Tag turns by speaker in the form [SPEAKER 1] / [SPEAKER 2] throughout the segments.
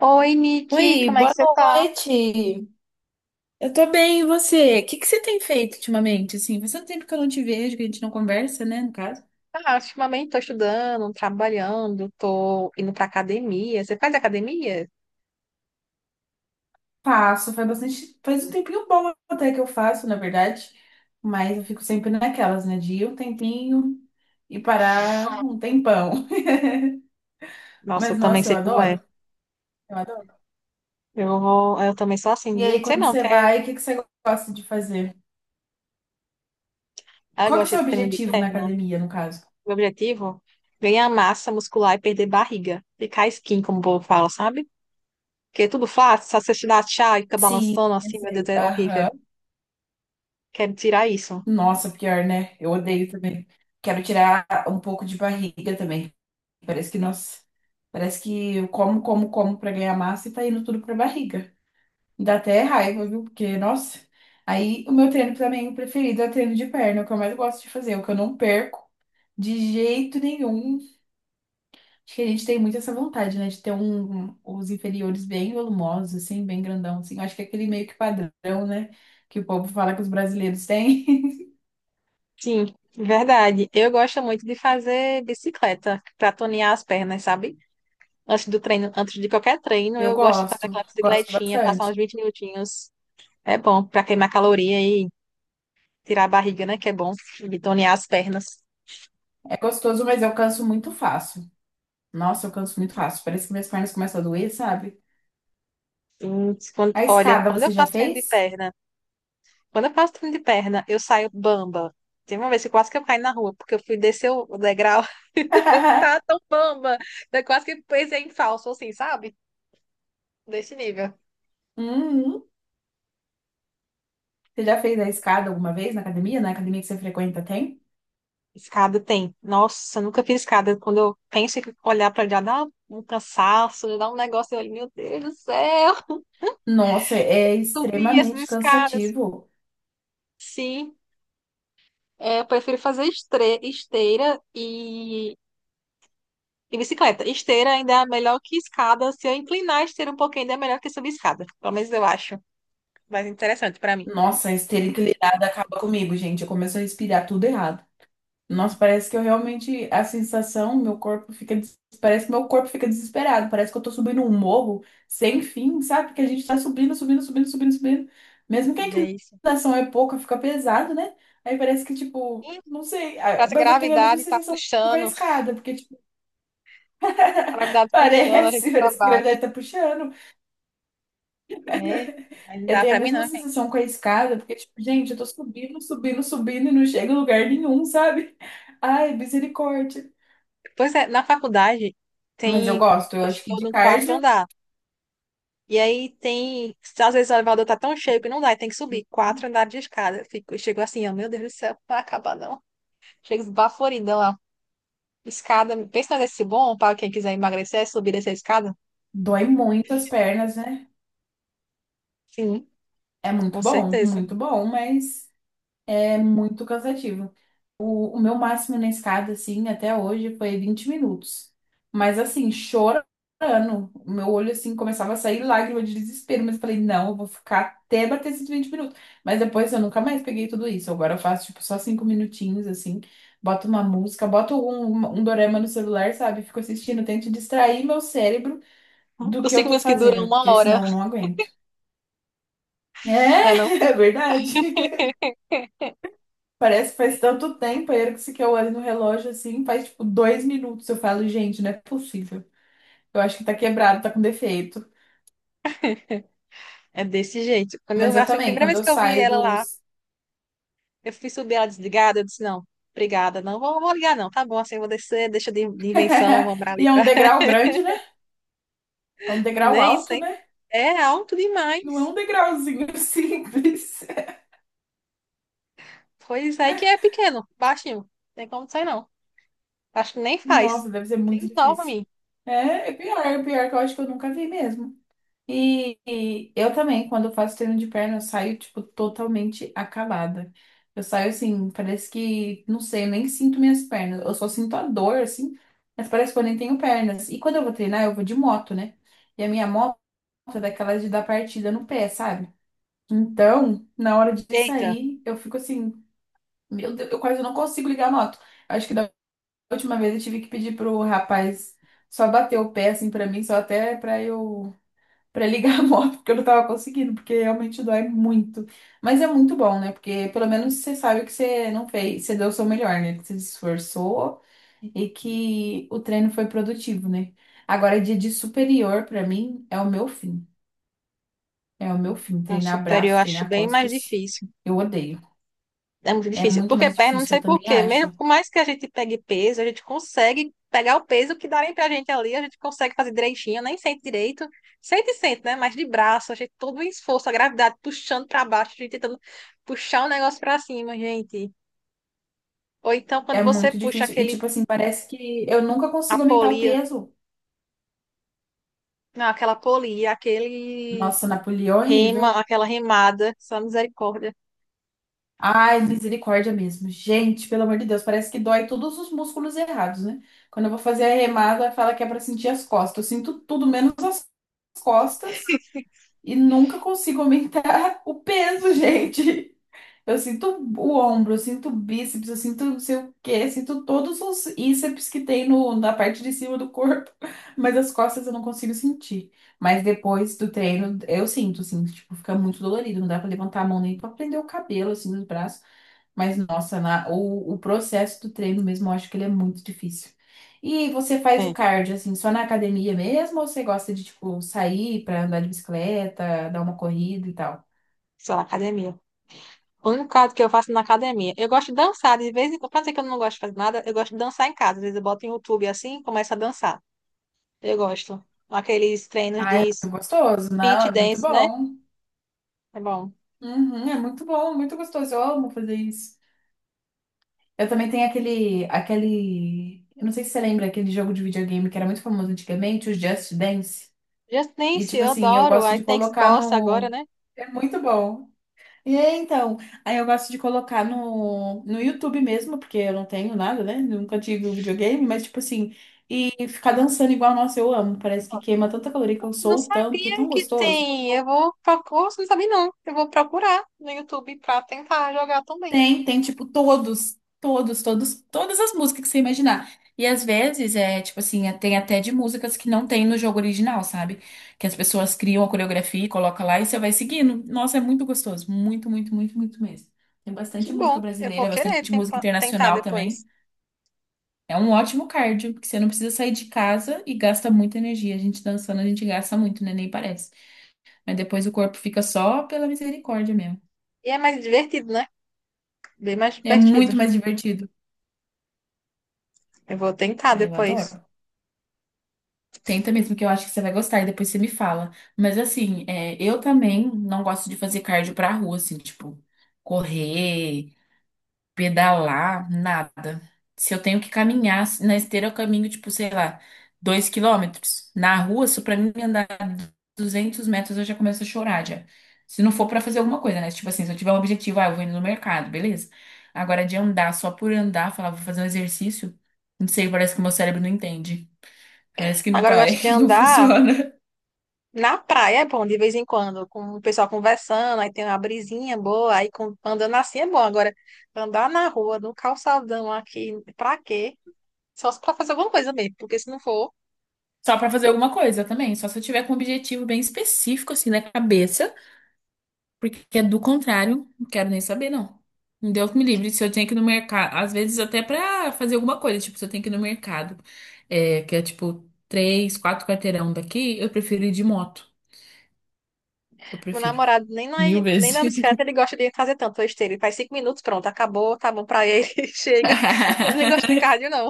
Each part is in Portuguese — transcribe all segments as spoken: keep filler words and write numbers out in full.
[SPEAKER 1] Oi, Nick,
[SPEAKER 2] Oi,
[SPEAKER 1] como é que
[SPEAKER 2] boa
[SPEAKER 1] você tá?
[SPEAKER 2] noite. Eu tô bem, e você? O que que você tem feito ultimamente? Assim, faz tanto tempo que eu não te vejo, que a gente não conversa, né, no caso.
[SPEAKER 1] Ah, ultimamente tô estudando, trabalhando, tô indo pra academia. Você faz academia?
[SPEAKER 2] Faço, faz bastante, faz um tempinho bom até que eu faço, na verdade, mas eu fico sempre naquelas, né, de ir um tempinho e parar um tempão.
[SPEAKER 1] Nossa, eu
[SPEAKER 2] Mas
[SPEAKER 1] também
[SPEAKER 2] nossa, eu
[SPEAKER 1] sei como é.
[SPEAKER 2] adoro, eu adoro.
[SPEAKER 1] Eu vou, eu também sou assim,
[SPEAKER 2] E
[SPEAKER 1] viu?
[SPEAKER 2] aí,
[SPEAKER 1] Sei
[SPEAKER 2] quando
[SPEAKER 1] não,
[SPEAKER 2] você
[SPEAKER 1] quer?
[SPEAKER 2] vai, o que que você gosta de fazer?
[SPEAKER 1] Ah, eu
[SPEAKER 2] Qual que é o
[SPEAKER 1] gosto
[SPEAKER 2] seu
[SPEAKER 1] de treino de
[SPEAKER 2] objetivo na
[SPEAKER 1] perna.
[SPEAKER 2] academia, no caso?
[SPEAKER 1] Meu objetivo, ganhar massa muscular e perder barriga. Ficar skin como o povo fala, sabe? Porque é tudo fácil, só você te dá chá e fica
[SPEAKER 2] Sim.
[SPEAKER 1] balançando
[SPEAKER 2] Eu
[SPEAKER 1] assim, meu Deus,
[SPEAKER 2] sei.
[SPEAKER 1] é horrível.
[SPEAKER 2] Aham.
[SPEAKER 1] Quero tirar isso.
[SPEAKER 2] Nossa, pior, né? Eu odeio também. Quero tirar um pouco de barriga também. Parece que, nossa, parece que eu como, como, como pra ganhar massa e tá indo tudo pra barriga. Dá até raiva, viu? Porque, nossa. Aí o meu treino também o preferido é o treino de perna, é o que eu mais gosto de fazer, é o que eu não perco de jeito nenhum. Acho que a gente tem muito essa vontade, né? De ter um, os inferiores bem volumosos, assim, bem grandão, assim. Eu acho que é aquele meio que padrão, né? Que o povo fala que os brasileiros têm.
[SPEAKER 1] Sim, verdade. Eu gosto muito de fazer bicicleta pra tonear as pernas, sabe? Antes do treino, antes de qualquer treino,
[SPEAKER 2] Eu
[SPEAKER 1] eu gosto de fazer
[SPEAKER 2] gosto,
[SPEAKER 1] aquela
[SPEAKER 2] gosto
[SPEAKER 1] bicicletinha, passar
[SPEAKER 2] bastante.
[SPEAKER 1] uns vinte minutinhos. É bom para queimar caloria e tirar a barriga, né? Que é bom e tonear as pernas.
[SPEAKER 2] É gostoso, mas eu canso muito fácil. Nossa, eu canso muito fácil. Parece que minhas pernas começam a doer, sabe?
[SPEAKER 1] Hum, quando-
[SPEAKER 2] A
[SPEAKER 1] Olha,
[SPEAKER 2] escada
[SPEAKER 1] quando eu
[SPEAKER 2] você já
[SPEAKER 1] faço treino de
[SPEAKER 2] fez?
[SPEAKER 1] perna, quando eu faço treino de perna, eu saio bamba. Teve uma vez que quase que eu caí na rua, porque eu fui descer o o degrau, tá tão bamba. Eu quase que pensei em falso, assim, sabe? Desse nível.
[SPEAKER 2] Uhum. Você já fez a escada alguma vez na academia? Na academia que você frequenta tem?
[SPEAKER 1] Escada tem. Nossa, eu nunca fiz escada. Quando eu penso em olhar para já dá um cansaço, dá um negócio ali, meu Deus do céu,
[SPEAKER 2] Nossa, é
[SPEAKER 1] subir essas
[SPEAKER 2] extremamente
[SPEAKER 1] escadas.
[SPEAKER 2] cansativo.
[SPEAKER 1] Sim, é, eu prefiro fazer estre- esteira e, e bicicleta. Esteira ainda é melhor que escada. Se eu inclinar a esteira um pouquinho, ainda é melhor que subir escada. Pelo menos eu acho mais interessante para mim.
[SPEAKER 2] Nossa, a esteira inclinada acaba comigo, gente. Eu começo a respirar tudo errado. Nossa, parece que eu realmente, a sensação, meu corpo fica, des- parece que meu corpo fica desesperado, parece que eu tô subindo um morro sem fim, sabe? Porque a gente tá subindo, subindo, subindo, subindo, subindo. Mesmo que a
[SPEAKER 1] Não é isso?
[SPEAKER 2] inclinação é pouca, fica pesado, né? Aí parece que, tipo,
[SPEAKER 1] Sim,
[SPEAKER 2] não sei, ah,
[SPEAKER 1] parece a
[SPEAKER 2] mas eu tenho a mesma
[SPEAKER 1] gravidade tá
[SPEAKER 2] sensação com a
[SPEAKER 1] puxando,
[SPEAKER 2] escada, porque, tipo,
[SPEAKER 1] a gravidade puxando a gente
[SPEAKER 2] parece,
[SPEAKER 1] para
[SPEAKER 2] parece que a
[SPEAKER 1] baixo.
[SPEAKER 2] gravidade tá puxando.
[SPEAKER 1] É, aí não
[SPEAKER 2] Eu
[SPEAKER 1] dá
[SPEAKER 2] tenho a
[SPEAKER 1] para mim
[SPEAKER 2] mesma
[SPEAKER 1] não.
[SPEAKER 2] sensação com a escada, porque, tipo, gente, eu tô subindo, subindo, subindo e não chego em lugar nenhum, sabe? Ai, misericórdia.
[SPEAKER 1] Pois é, na faculdade
[SPEAKER 2] Mas eu
[SPEAKER 1] tem.
[SPEAKER 2] gosto, eu
[SPEAKER 1] Eu
[SPEAKER 2] acho que
[SPEAKER 1] estou
[SPEAKER 2] de
[SPEAKER 1] no quarto
[SPEAKER 2] cardio.
[SPEAKER 1] andar. E aí tem. Se Às vezes o elevador tá tão cheio que não dá, e tem que subir quatro andares de escada. Eu fico, eu chego assim, ó, meu Deus do céu, não vai acabar não. Chego esbaforida lá. Escada, pensa nesse bom para quem quiser emagrecer, é subir essa escada?
[SPEAKER 2] Dói muito as pernas, né?
[SPEAKER 1] Sim,
[SPEAKER 2] É muito
[SPEAKER 1] com
[SPEAKER 2] bom,
[SPEAKER 1] certeza.
[SPEAKER 2] muito bom, mas é muito cansativo. O, o meu máximo na escada, assim, até hoje foi vinte minutos. Mas, assim, chorando, o meu olho, assim, começava a sair lágrima de desespero. Mas eu falei, não, eu vou ficar até bater esses vinte minutos. Mas depois eu nunca mais peguei tudo isso. Agora eu faço, tipo, só cinco minutinhos, assim, boto uma música, boto um, um dorama no celular, sabe? Fico assistindo, tento distrair meu cérebro do
[SPEAKER 1] Os
[SPEAKER 2] que eu
[SPEAKER 1] cinco
[SPEAKER 2] tô
[SPEAKER 1] minutos que duram
[SPEAKER 2] fazendo,
[SPEAKER 1] uma
[SPEAKER 2] porque
[SPEAKER 1] hora,
[SPEAKER 2] senão eu não aguento.
[SPEAKER 1] né, não?
[SPEAKER 2] É, é verdade. Parece que faz tanto tempo, aí a hora que você- que eu olho no relógio assim, faz tipo dois minutos. Eu falo, gente, não é possível. Eu acho que tá quebrado, tá com defeito.
[SPEAKER 1] É desse jeito. Quando
[SPEAKER 2] Mas
[SPEAKER 1] eu,
[SPEAKER 2] eu
[SPEAKER 1] assim, a
[SPEAKER 2] também,
[SPEAKER 1] primeira
[SPEAKER 2] quando
[SPEAKER 1] vez
[SPEAKER 2] eu
[SPEAKER 1] que eu vi
[SPEAKER 2] saio
[SPEAKER 1] ela lá,
[SPEAKER 2] dos.
[SPEAKER 1] eu fui subir ela desligada, eu disse, não, obrigada, não vou, vou ligar não, tá bom, assim, eu vou descer, deixa de, de invenção, vou pra ali
[SPEAKER 2] E é um
[SPEAKER 1] pra.
[SPEAKER 2] degrau grande, né? É um degrau
[SPEAKER 1] Né, isso
[SPEAKER 2] alto,
[SPEAKER 1] aí
[SPEAKER 2] né?
[SPEAKER 1] é alto
[SPEAKER 2] Não é
[SPEAKER 1] demais.
[SPEAKER 2] um degrauzinho simples.
[SPEAKER 1] Pois aí que é pequeno, baixinho. Não tem como sair, não. Acho que nem faz.
[SPEAKER 2] Nossa, deve ser muito
[SPEAKER 1] Quem topa
[SPEAKER 2] difícil.
[SPEAKER 1] mim?
[SPEAKER 2] É, é pior, é pior que eu acho que eu nunca vi mesmo. E, e eu também, quando eu faço treino de perna, eu saio, tipo, totalmente acabada. Eu saio assim, parece que, não sei, eu nem sinto minhas pernas. Eu só sinto a dor, assim, mas parece que eu nem tenho pernas. E quando eu vou treinar, eu vou de moto, né? E a minha moto é daquelas de dar partida no pé, sabe? Então, na hora de
[SPEAKER 1] Eita,
[SPEAKER 2] sair, eu fico assim, meu Deus, eu quase não consigo ligar a moto. Acho que da última vez eu tive que pedir pro rapaz só bater o pé, assim, pra mim, só até pra eu pra ligar a moto, porque eu não tava conseguindo, porque realmente dói muito. Mas é muito bom, né? Porque pelo menos você sabe que você não fez, você deu o seu melhor, né? Que você se esforçou e que o treino foi produtivo, né? Agora, dia de superior, pra mim, é o meu fim. É o meu fim.
[SPEAKER 1] não,
[SPEAKER 2] Treinar
[SPEAKER 1] superior eu
[SPEAKER 2] braço,
[SPEAKER 1] acho
[SPEAKER 2] treinar
[SPEAKER 1] bem mais
[SPEAKER 2] costas,
[SPEAKER 1] difícil.
[SPEAKER 2] eu odeio.
[SPEAKER 1] É muito
[SPEAKER 2] É
[SPEAKER 1] difícil.
[SPEAKER 2] muito
[SPEAKER 1] Porque
[SPEAKER 2] mais
[SPEAKER 1] perna, não
[SPEAKER 2] difícil,
[SPEAKER 1] sei
[SPEAKER 2] eu
[SPEAKER 1] por
[SPEAKER 2] também
[SPEAKER 1] quê. Mesmo
[SPEAKER 2] acho.
[SPEAKER 1] por mais que a gente pegue peso, a gente consegue pegar o peso que darem pra gente ali, a gente consegue fazer direitinho, nem sente direito. Sente, sente, né? Mas de braço, a gente todo o esforço, a gravidade puxando pra baixo, a gente tentando puxar o negócio pra cima, gente. Ou então quando
[SPEAKER 2] É
[SPEAKER 1] você
[SPEAKER 2] muito
[SPEAKER 1] puxa
[SPEAKER 2] difícil. E,
[SPEAKER 1] aquele.
[SPEAKER 2] tipo assim, parece que eu nunca
[SPEAKER 1] A
[SPEAKER 2] consigo aumentar o
[SPEAKER 1] polia,
[SPEAKER 2] peso.
[SPEAKER 1] não, aquela polia, aquele
[SPEAKER 2] Nossa, Napoleão é
[SPEAKER 1] rema,
[SPEAKER 2] horrível.
[SPEAKER 1] aquela remada, só misericórdia.
[SPEAKER 2] Ai, misericórdia mesmo. Gente, pelo amor de Deus, parece que dói todos os músculos errados, né? Quando eu vou fazer a remada, fala que é pra sentir as costas. Eu sinto tudo menos as costas e nunca consigo aumentar o peso, gente. Eu sinto o ombro, eu sinto o bíceps, eu sinto não sei o quê, eu sinto todos os íceps que tem no, na parte de cima do corpo, mas as costas eu não consigo sentir. Mas depois do treino, eu sinto, assim, tipo, fica muito dolorido, não dá pra levantar a mão nem pra prender o cabelo, assim, nos braços. Mas, nossa, na- o, o processo do treino mesmo, eu acho que ele é muito difícil. E você faz o
[SPEAKER 1] É,
[SPEAKER 2] cardio, assim, só na academia mesmo? Ou você gosta de, tipo, sair pra andar de bicicleta, dar uma corrida e tal?
[SPEAKER 1] só na academia. O único caso que eu faço na academia. Eu gosto de dançar, de vez em quando. Pra dizer que eu não gosto de fazer nada, eu gosto de dançar em casa. Às vezes eu boto em YouTube assim e começo a dançar. Eu gosto. Aqueles treinos
[SPEAKER 2] Ah, é
[SPEAKER 1] de
[SPEAKER 2] muito gostoso. Não,
[SPEAKER 1] fit
[SPEAKER 2] é muito
[SPEAKER 1] dance, né?
[SPEAKER 2] bom.
[SPEAKER 1] É bom.
[SPEAKER 2] Uhum, é muito bom, muito gostoso. Eu amo fazer isso. Eu também tenho aquele, aquele... Eu não sei se você lembra, aquele jogo de videogame que era muito famoso antigamente, o Just Dance.
[SPEAKER 1] Just
[SPEAKER 2] E,
[SPEAKER 1] Dance,
[SPEAKER 2] tipo
[SPEAKER 1] eu
[SPEAKER 2] assim, eu
[SPEAKER 1] adoro.
[SPEAKER 2] gosto
[SPEAKER 1] I
[SPEAKER 2] de
[SPEAKER 1] Thanks
[SPEAKER 2] colocar
[SPEAKER 1] Bossa agora,
[SPEAKER 2] no...
[SPEAKER 1] né?
[SPEAKER 2] É muito bom. E aí, então, aí eu gosto de colocar no, no, YouTube mesmo, porque eu não tenho nada, né? Nunca tive um videogame, mas tipo assim, e ficar dançando igual, nossa, eu amo. Parece que queima tanta caloria que eu
[SPEAKER 1] Não
[SPEAKER 2] sou tanto, é
[SPEAKER 1] sabia
[SPEAKER 2] tão
[SPEAKER 1] que
[SPEAKER 2] gostoso.
[SPEAKER 1] tem. Eu vou procurar. Não sabia, não. Eu vou procurar no YouTube pra tentar jogar também.
[SPEAKER 2] Tem, tem tipo todos, todos, todos, todas as músicas que você imaginar. E às vezes é tipo assim, é- tem até de músicas que não tem no jogo original, sabe? Que as pessoas criam a coreografia e colocam lá e você vai seguindo. Nossa, é muito gostoso, muito, muito, muito, muito mesmo. Tem
[SPEAKER 1] Que
[SPEAKER 2] bastante música
[SPEAKER 1] bom, eu vou
[SPEAKER 2] brasileira,
[SPEAKER 1] querer
[SPEAKER 2] bastante música
[SPEAKER 1] tempa- tentar
[SPEAKER 2] internacional
[SPEAKER 1] depois.
[SPEAKER 2] também. É um ótimo cardio, porque você não precisa sair de casa e gasta muita energia. A gente dançando, a gente gasta muito, né? Nem parece. Mas depois o corpo fica só pela misericórdia mesmo.
[SPEAKER 1] E é mais divertido, né? Bem mais
[SPEAKER 2] É
[SPEAKER 1] divertido.
[SPEAKER 2] muito mais divertido.
[SPEAKER 1] Eu vou tentar
[SPEAKER 2] Ah, eu
[SPEAKER 1] depois.
[SPEAKER 2] adoro. Tenta mesmo, que eu acho que você vai gostar e depois você me fala. Mas assim, é, eu também não gosto de fazer cardio pra rua, assim, tipo, correr, pedalar, nada. Se eu tenho que caminhar na esteira, eu caminho, tipo, sei lá, dois quilômetros. Na rua, isso pra mim andar. Duzentos metros eu já começo a chorar já. Se não for pra fazer alguma coisa, né? Tipo assim, se eu tiver um objetivo, ah, eu vou indo no mercado, beleza. Agora de andar só por andar, falar, vou fazer um exercício, não sei, parece que o meu cérebro não entende. Parece que não
[SPEAKER 1] Agora eu
[SPEAKER 2] vai,
[SPEAKER 1] gosto de
[SPEAKER 2] não
[SPEAKER 1] andar
[SPEAKER 2] funciona.
[SPEAKER 1] na praia, é bom, de vez em quando, com o pessoal conversando, aí tem uma brisinha boa, aí com- andando assim é bom. Agora, andar na rua, no calçadão aqui, pra quê? Só se pra fazer alguma coisa mesmo, porque se não for,
[SPEAKER 2] Só pra fazer alguma coisa também, só se eu tiver com um objetivo bem específico assim na cabeça. Porque é do contrário, não quero nem saber, não. Um Deus me livre. Se eu tenho que ir no mercado, às vezes até pra fazer alguma coisa, tipo, se eu tenho que ir no mercado, é, que é tipo três, quatro quarteirão daqui, eu prefiro ir de moto. Eu
[SPEAKER 1] meu
[SPEAKER 2] prefiro.
[SPEAKER 1] namorado nem na,
[SPEAKER 2] Mil
[SPEAKER 1] nem
[SPEAKER 2] vezes.
[SPEAKER 1] na bicicleta ele gosta de fazer tanto esteira. Ele faz cinco minutos, pronto, acabou, tá bom pra ele, chega. Ele não gosta de cardio, não.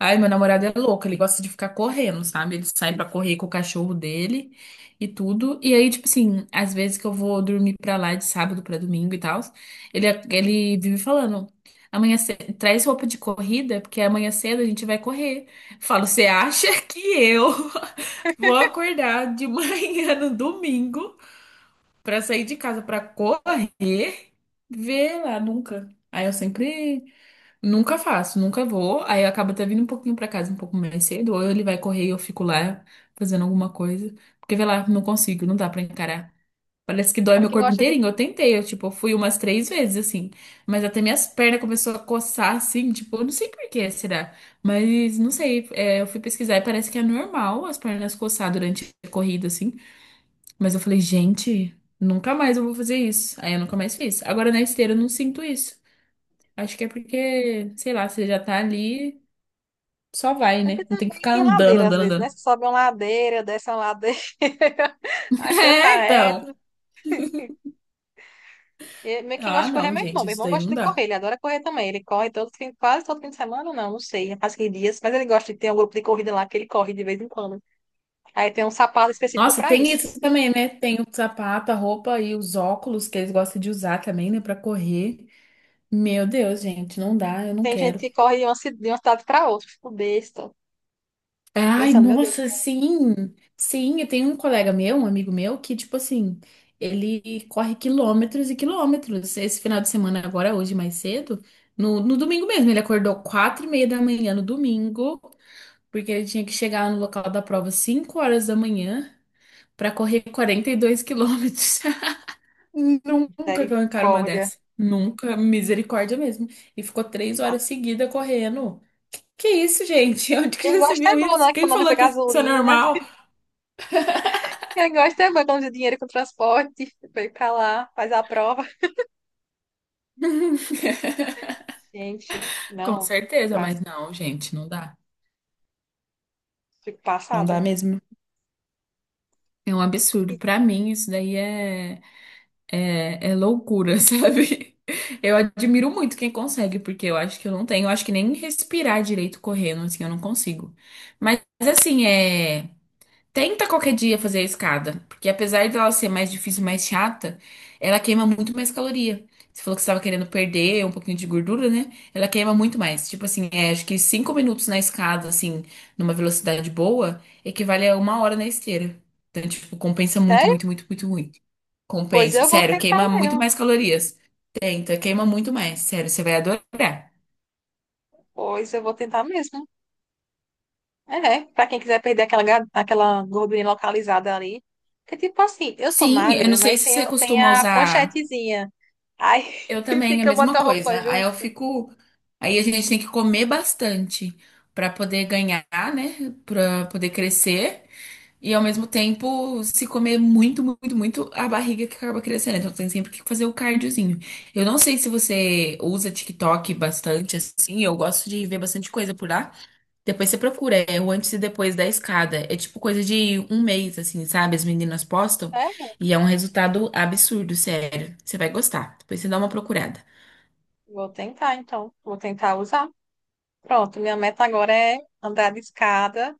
[SPEAKER 2] Ai, meu namorado é louco, ele gosta de ficar correndo, sabe? Ele sai pra correr com o cachorro dele e tudo. E aí, tipo assim, às vezes que eu vou dormir pra lá de sábado pra domingo e tal, ele, ele vive falando: amanhã cedo, traz roupa de corrida, porque amanhã cedo a gente vai correr. Eu falo, você acha que eu vou acordar de manhã no domingo pra sair de casa pra correr? Vê lá, nunca. Aí eu sempre nunca faço, nunca vou. Aí eu acabo até vindo um pouquinho pra casa um pouco mais cedo, ou ele vai correr e eu fico lá fazendo alguma coisa. Porque, vai lá, não consigo, não dá pra encarar. Parece que dói
[SPEAKER 1] Para
[SPEAKER 2] meu
[SPEAKER 1] quem
[SPEAKER 2] corpo
[SPEAKER 1] gosta de.
[SPEAKER 2] inteirinho. Eu tentei, eu, tipo, fui umas três vezes, assim. Mas até minhas pernas começou a coçar, assim, tipo, eu não sei por que será. Mas, não sei, é, eu fui pesquisar e parece que é normal as pernas coçar durante a corrida, assim. Mas eu falei, gente, nunca mais eu vou fazer isso. Aí eu nunca mais fiz. Agora na esteira eu não sinto isso. Acho que é porque, sei lá, você já tá ali, só vai,
[SPEAKER 1] É que
[SPEAKER 2] né? Não tem que
[SPEAKER 1] também
[SPEAKER 2] ficar
[SPEAKER 1] tem
[SPEAKER 2] andando,
[SPEAKER 1] ladeira às
[SPEAKER 2] andando,
[SPEAKER 1] vezes, né?
[SPEAKER 2] andando.
[SPEAKER 1] Você sobe uma ladeira, desce uma ladeira, aí você
[SPEAKER 2] É,
[SPEAKER 1] tá
[SPEAKER 2] então.
[SPEAKER 1] reto. E me- quem gosta
[SPEAKER 2] Ah,
[SPEAKER 1] de correr é
[SPEAKER 2] não,
[SPEAKER 1] meu irmão.
[SPEAKER 2] gente,
[SPEAKER 1] Meu
[SPEAKER 2] isso
[SPEAKER 1] irmão
[SPEAKER 2] daí
[SPEAKER 1] gosta
[SPEAKER 2] não
[SPEAKER 1] de correr,
[SPEAKER 2] dá.
[SPEAKER 1] ele adora correr também. Ele corre todo fim, quase todo fim de semana, não, não sei, faz que dias, mas ele gosta de ter um grupo de corrida lá que ele corre de vez em quando. Aí tem um sapato específico
[SPEAKER 2] Nossa,
[SPEAKER 1] para
[SPEAKER 2] tem
[SPEAKER 1] isso.
[SPEAKER 2] isso também, né? Tem o sapato, a roupa e os óculos que eles gostam de usar também, né, pra correr. Meu Deus, gente, não dá, eu não
[SPEAKER 1] Tem gente
[SPEAKER 2] quero.
[SPEAKER 1] que corre de uma ci- de uma cidade para outra, fico besta,
[SPEAKER 2] Ai,
[SPEAKER 1] pensando, meu Deus,
[SPEAKER 2] nossa, sim. Sim, eu tenho um colega meu, um amigo meu, que, tipo assim, ele corre quilômetros e quilômetros. Esse final de semana, agora, hoje, mais cedo, no, no domingo mesmo. Ele acordou quatro e meia da manhã no domingo, porque ele tinha que chegar no local da prova cinco horas da manhã para correr quarenta e dois quilômetros. Nunca que eu encaro uma
[SPEAKER 1] misericórdia.
[SPEAKER 2] dessa. Nunca, misericórdia mesmo. E ficou três
[SPEAKER 1] Ah,
[SPEAKER 2] horas seguidas correndo. Que, que isso, gente? Onde que
[SPEAKER 1] quem
[SPEAKER 2] já se
[SPEAKER 1] gosta é
[SPEAKER 2] viu
[SPEAKER 1] bom, né?
[SPEAKER 2] isso?
[SPEAKER 1] Que
[SPEAKER 2] Quem
[SPEAKER 1] economiza
[SPEAKER 2] falou que isso é
[SPEAKER 1] gasolina.
[SPEAKER 2] normal?
[SPEAKER 1] Quem gosta é bom, economiza dinheiro com transporte. Veio pra lá, faz a prova. Gente,
[SPEAKER 2] Com
[SPEAKER 1] não,
[SPEAKER 2] certeza, mas
[SPEAKER 1] pass-
[SPEAKER 2] não, gente, não dá.
[SPEAKER 1] fico
[SPEAKER 2] Não dá
[SPEAKER 1] passada.
[SPEAKER 2] mesmo. É um absurdo.
[SPEAKER 1] E-
[SPEAKER 2] Pra mim, isso daí é, é, é loucura, sabe? Eu admiro muito quem consegue, porque eu acho que eu não tenho. Eu acho que nem respirar direito correndo, assim, eu não consigo. Mas, assim, é. Tenta qualquer dia fazer a escada, porque apesar dela ser mais difícil, mais chata, ela queima muito mais caloria. Você falou que você estava querendo perder um pouquinho de gordura, né? Ela queima muito mais. Tipo assim, é, acho que cinco minutos na escada, assim, numa velocidade boa, equivale a uma hora na esteira. Então, tipo, compensa muito,
[SPEAKER 1] Sério?
[SPEAKER 2] muito, muito, muito, muito.
[SPEAKER 1] Pois
[SPEAKER 2] Compensa.
[SPEAKER 1] eu vou
[SPEAKER 2] Sério,
[SPEAKER 1] tentar
[SPEAKER 2] queima muito
[SPEAKER 1] mesmo.
[SPEAKER 2] mais calorias. Tenta, queima muito mais. Sério, você vai adorar.
[SPEAKER 1] Pois eu vou tentar mesmo. É, né, pra quem quiser perder aquela, ga- aquela gordurinha localizada ali. Porque, tipo assim, eu sou
[SPEAKER 2] Sim, eu não
[SPEAKER 1] magra,
[SPEAKER 2] sei
[SPEAKER 1] mas
[SPEAKER 2] se
[SPEAKER 1] tem,
[SPEAKER 2] você
[SPEAKER 1] tem
[SPEAKER 2] costuma
[SPEAKER 1] a
[SPEAKER 2] usar.
[SPEAKER 1] ponchetezinha. Aí
[SPEAKER 2] Eu também, a
[SPEAKER 1] fica
[SPEAKER 2] mesma
[SPEAKER 1] botar roupa
[SPEAKER 2] coisa. Aí eu
[SPEAKER 1] justa.
[SPEAKER 2] fico. Aí a gente tem que comer bastante pra poder ganhar, né? Pra poder crescer. E ao mesmo tempo, se comer muito, muito, muito, a barriga que acaba crescendo. Então tem sempre que fazer o cardiozinho. Eu não sei se você usa TikTok bastante, assim. Eu gosto de ver bastante coisa por lá. Depois você procura, é o antes e depois da escada. É tipo coisa de um mês, assim, sabe? As meninas postam.
[SPEAKER 1] Sério?
[SPEAKER 2] E é um resultado absurdo, sério. Você vai gostar. Depois você dá uma procurada.
[SPEAKER 1] Vou tentar, então. Vou tentar usar. Pronto, minha meta agora é andar de escada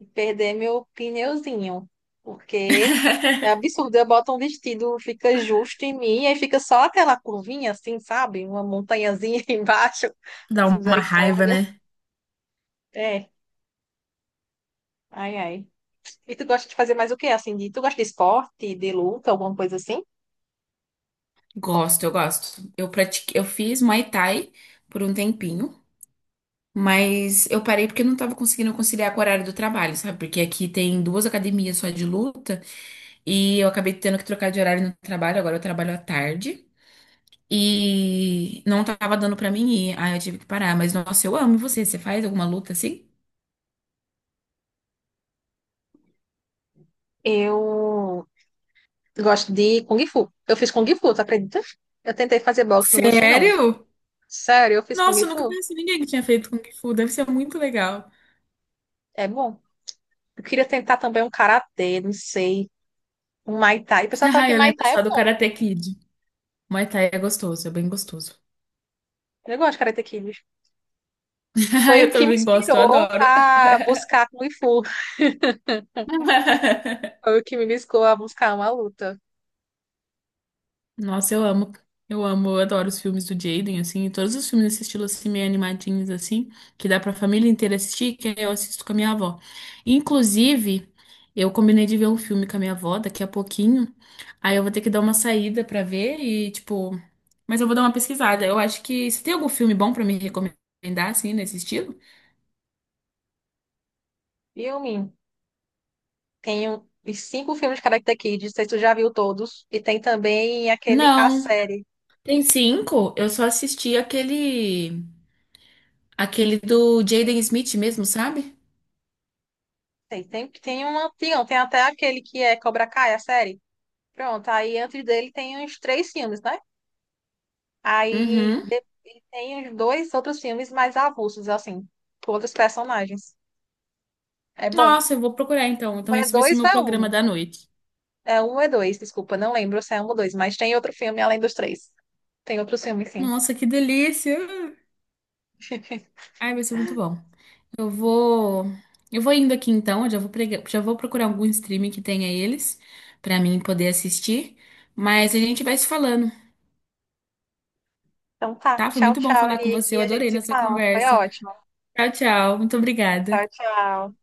[SPEAKER 1] e perder meu pneuzinho, porque é absurdo. Eu boto um vestido, fica justo em mim, e aí fica só aquela curvinha assim, sabe? Uma montanhazinha embaixo,
[SPEAKER 2] Dá
[SPEAKER 1] assim,
[SPEAKER 2] uma raiva,
[SPEAKER 1] misericórdia.
[SPEAKER 2] né?
[SPEAKER 1] É, ai, ai. E tu gosta de fazer mais o quê? Assim, de, tu gosta de esporte, de luta, alguma coisa assim?
[SPEAKER 2] Gosto, eu gosto. Eu pratiquei, eu fiz Muay Thai por um tempinho, mas eu parei porque eu não tava conseguindo conciliar com o horário do trabalho, sabe? Porque aqui tem duas academias só de luta e eu acabei tendo que trocar de horário no trabalho, agora eu trabalho à tarde e não tava dando pra mim ir. Aí eu tive que parar, mas nossa, eu amo você. Você faz alguma luta assim?
[SPEAKER 1] Eu gosto de Kung Fu. Eu fiz Kung Fu, tu acredita? Eu tentei fazer boxe, não gostei não.
[SPEAKER 2] Sério?
[SPEAKER 1] Sério, eu fiz Kung
[SPEAKER 2] Nossa, eu nunca
[SPEAKER 1] Fu?
[SPEAKER 2] conheci ninguém que tinha feito Kung Fu. Deve ser muito legal.
[SPEAKER 1] É bom. Eu queria tentar também um karatê, não sei. Um Muay Thai. O pessoal fala
[SPEAKER 2] Ah,
[SPEAKER 1] que
[SPEAKER 2] eu
[SPEAKER 1] Muay
[SPEAKER 2] lembro
[SPEAKER 1] Thai é
[SPEAKER 2] só do
[SPEAKER 1] bom.
[SPEAKER 2] Karate Kid. Muay Thai é gostoso, é bem gostoso.
[SPEAKER 1] Eu gosto de Karate Kid. Foi o
[SPEAKER 2] Eu
[SPEAKER 1] que me
[SPEAKER 2] também gosto, eu
[SPEAKER 1] inspirou
[SPEAKER 2] adoro.
[SPEAKER 1] a buscar Kung Fu. Foi o que me buscou a buscar uma luta.
[SPEAKER 2] Nossa, eu amo. Eu amo, eu adoro os filmes do Jaden, assim, e todos os filmes desse estilo, assim, meio animadinhos, assim, que dá pra família inteira assistir, que eu assisto com a minha avó. Inclusive, eu combinei de ver um filme com a minha avó daqui a pouquinho, aí eu vou ter que dar uma saída pra ver e, tipo... Mas eu vou dar uma pesquisada. Eu acho que... Você tem algum filme bom pra me recomendar, assim, nesse estilo?
[SPEAKER 1] Filme. Tenho os cinco filmes de Karate Kid. Não sei se tu já viu todos. E tem também aquele, a
[SPEAKER 2] Não.
[SPEAKER 1] série.
[SPEAKER 2] Tem cinco? Eu só assisti aquele... Aquele do Jaden
[SPEAKER 1] Tem,
[SPEAKER 2] Smith mesmo, sabe?
[SPEAKER 1] tem, tem, tem uma, tem, tem até aquele que é Cobra Kai, a série. Pronto, aí antes dele tem os três filmes, né? Aí
[SPEAKER 2] Uhum.
[SPEAKER 1] de- e tem os dois outros filmes mais avulsos, assim, com outros personagens. É bom.
[SPEAKER 2] Nossa, eu vou procurar então.
[SPEAKER 1] Ou
[SPEAKER 2] Então,
[SPEAKER 1] é
[SPEAKER 2] esse vai ser
[SPEAKER 1] dois
[SPEAKER 2] meu
[SPEAKER 1] ou é
[SPEAKER 2] programa
[SPEAKER 1] um.
[SPEAKER 2] da noite.
[SPEAKER 1] É um ou é dois, desculpa, não lembro se é um ou dois, mas tem outro filme além dos três. Tem outro filme, sim.
[SPEAKER 2] Nossa, que delícia! Ai, vai ser muito bom. Eu vou. Eu vou indo aqui então. Eu já vou, prega- já vou procurar algum streaming que tenha eles pra mim poder assistir. Mas a gente vai se falando,
[SPEAKER 1] Então tá.
[SPEAKER 2] tá? Foi
[SPEAKER 1] Tchau,
[SPEAKER 2] muito bom
[SPEAKER 1] tchau,
[SPEAKER 2] falar com você.
[SPEAKER 1] Nick.
[SPEAKER 2] Eu
[SPEAKER 1] A gente
[SPEAKER 2] adorei
[SPEAKER 1] se
[SPEAKER 2] nossa
[SPEAKER 1] fala. Foi
[SPEAKER 2] conversa.
[SPEAKER 1] ótimo.
[SPEAKER 2] Tchau, tchau. Muito
[SPEAKER 1] Tchau,
[SPEAKER 2] obrigada.
[SPEAKER 1] tchau.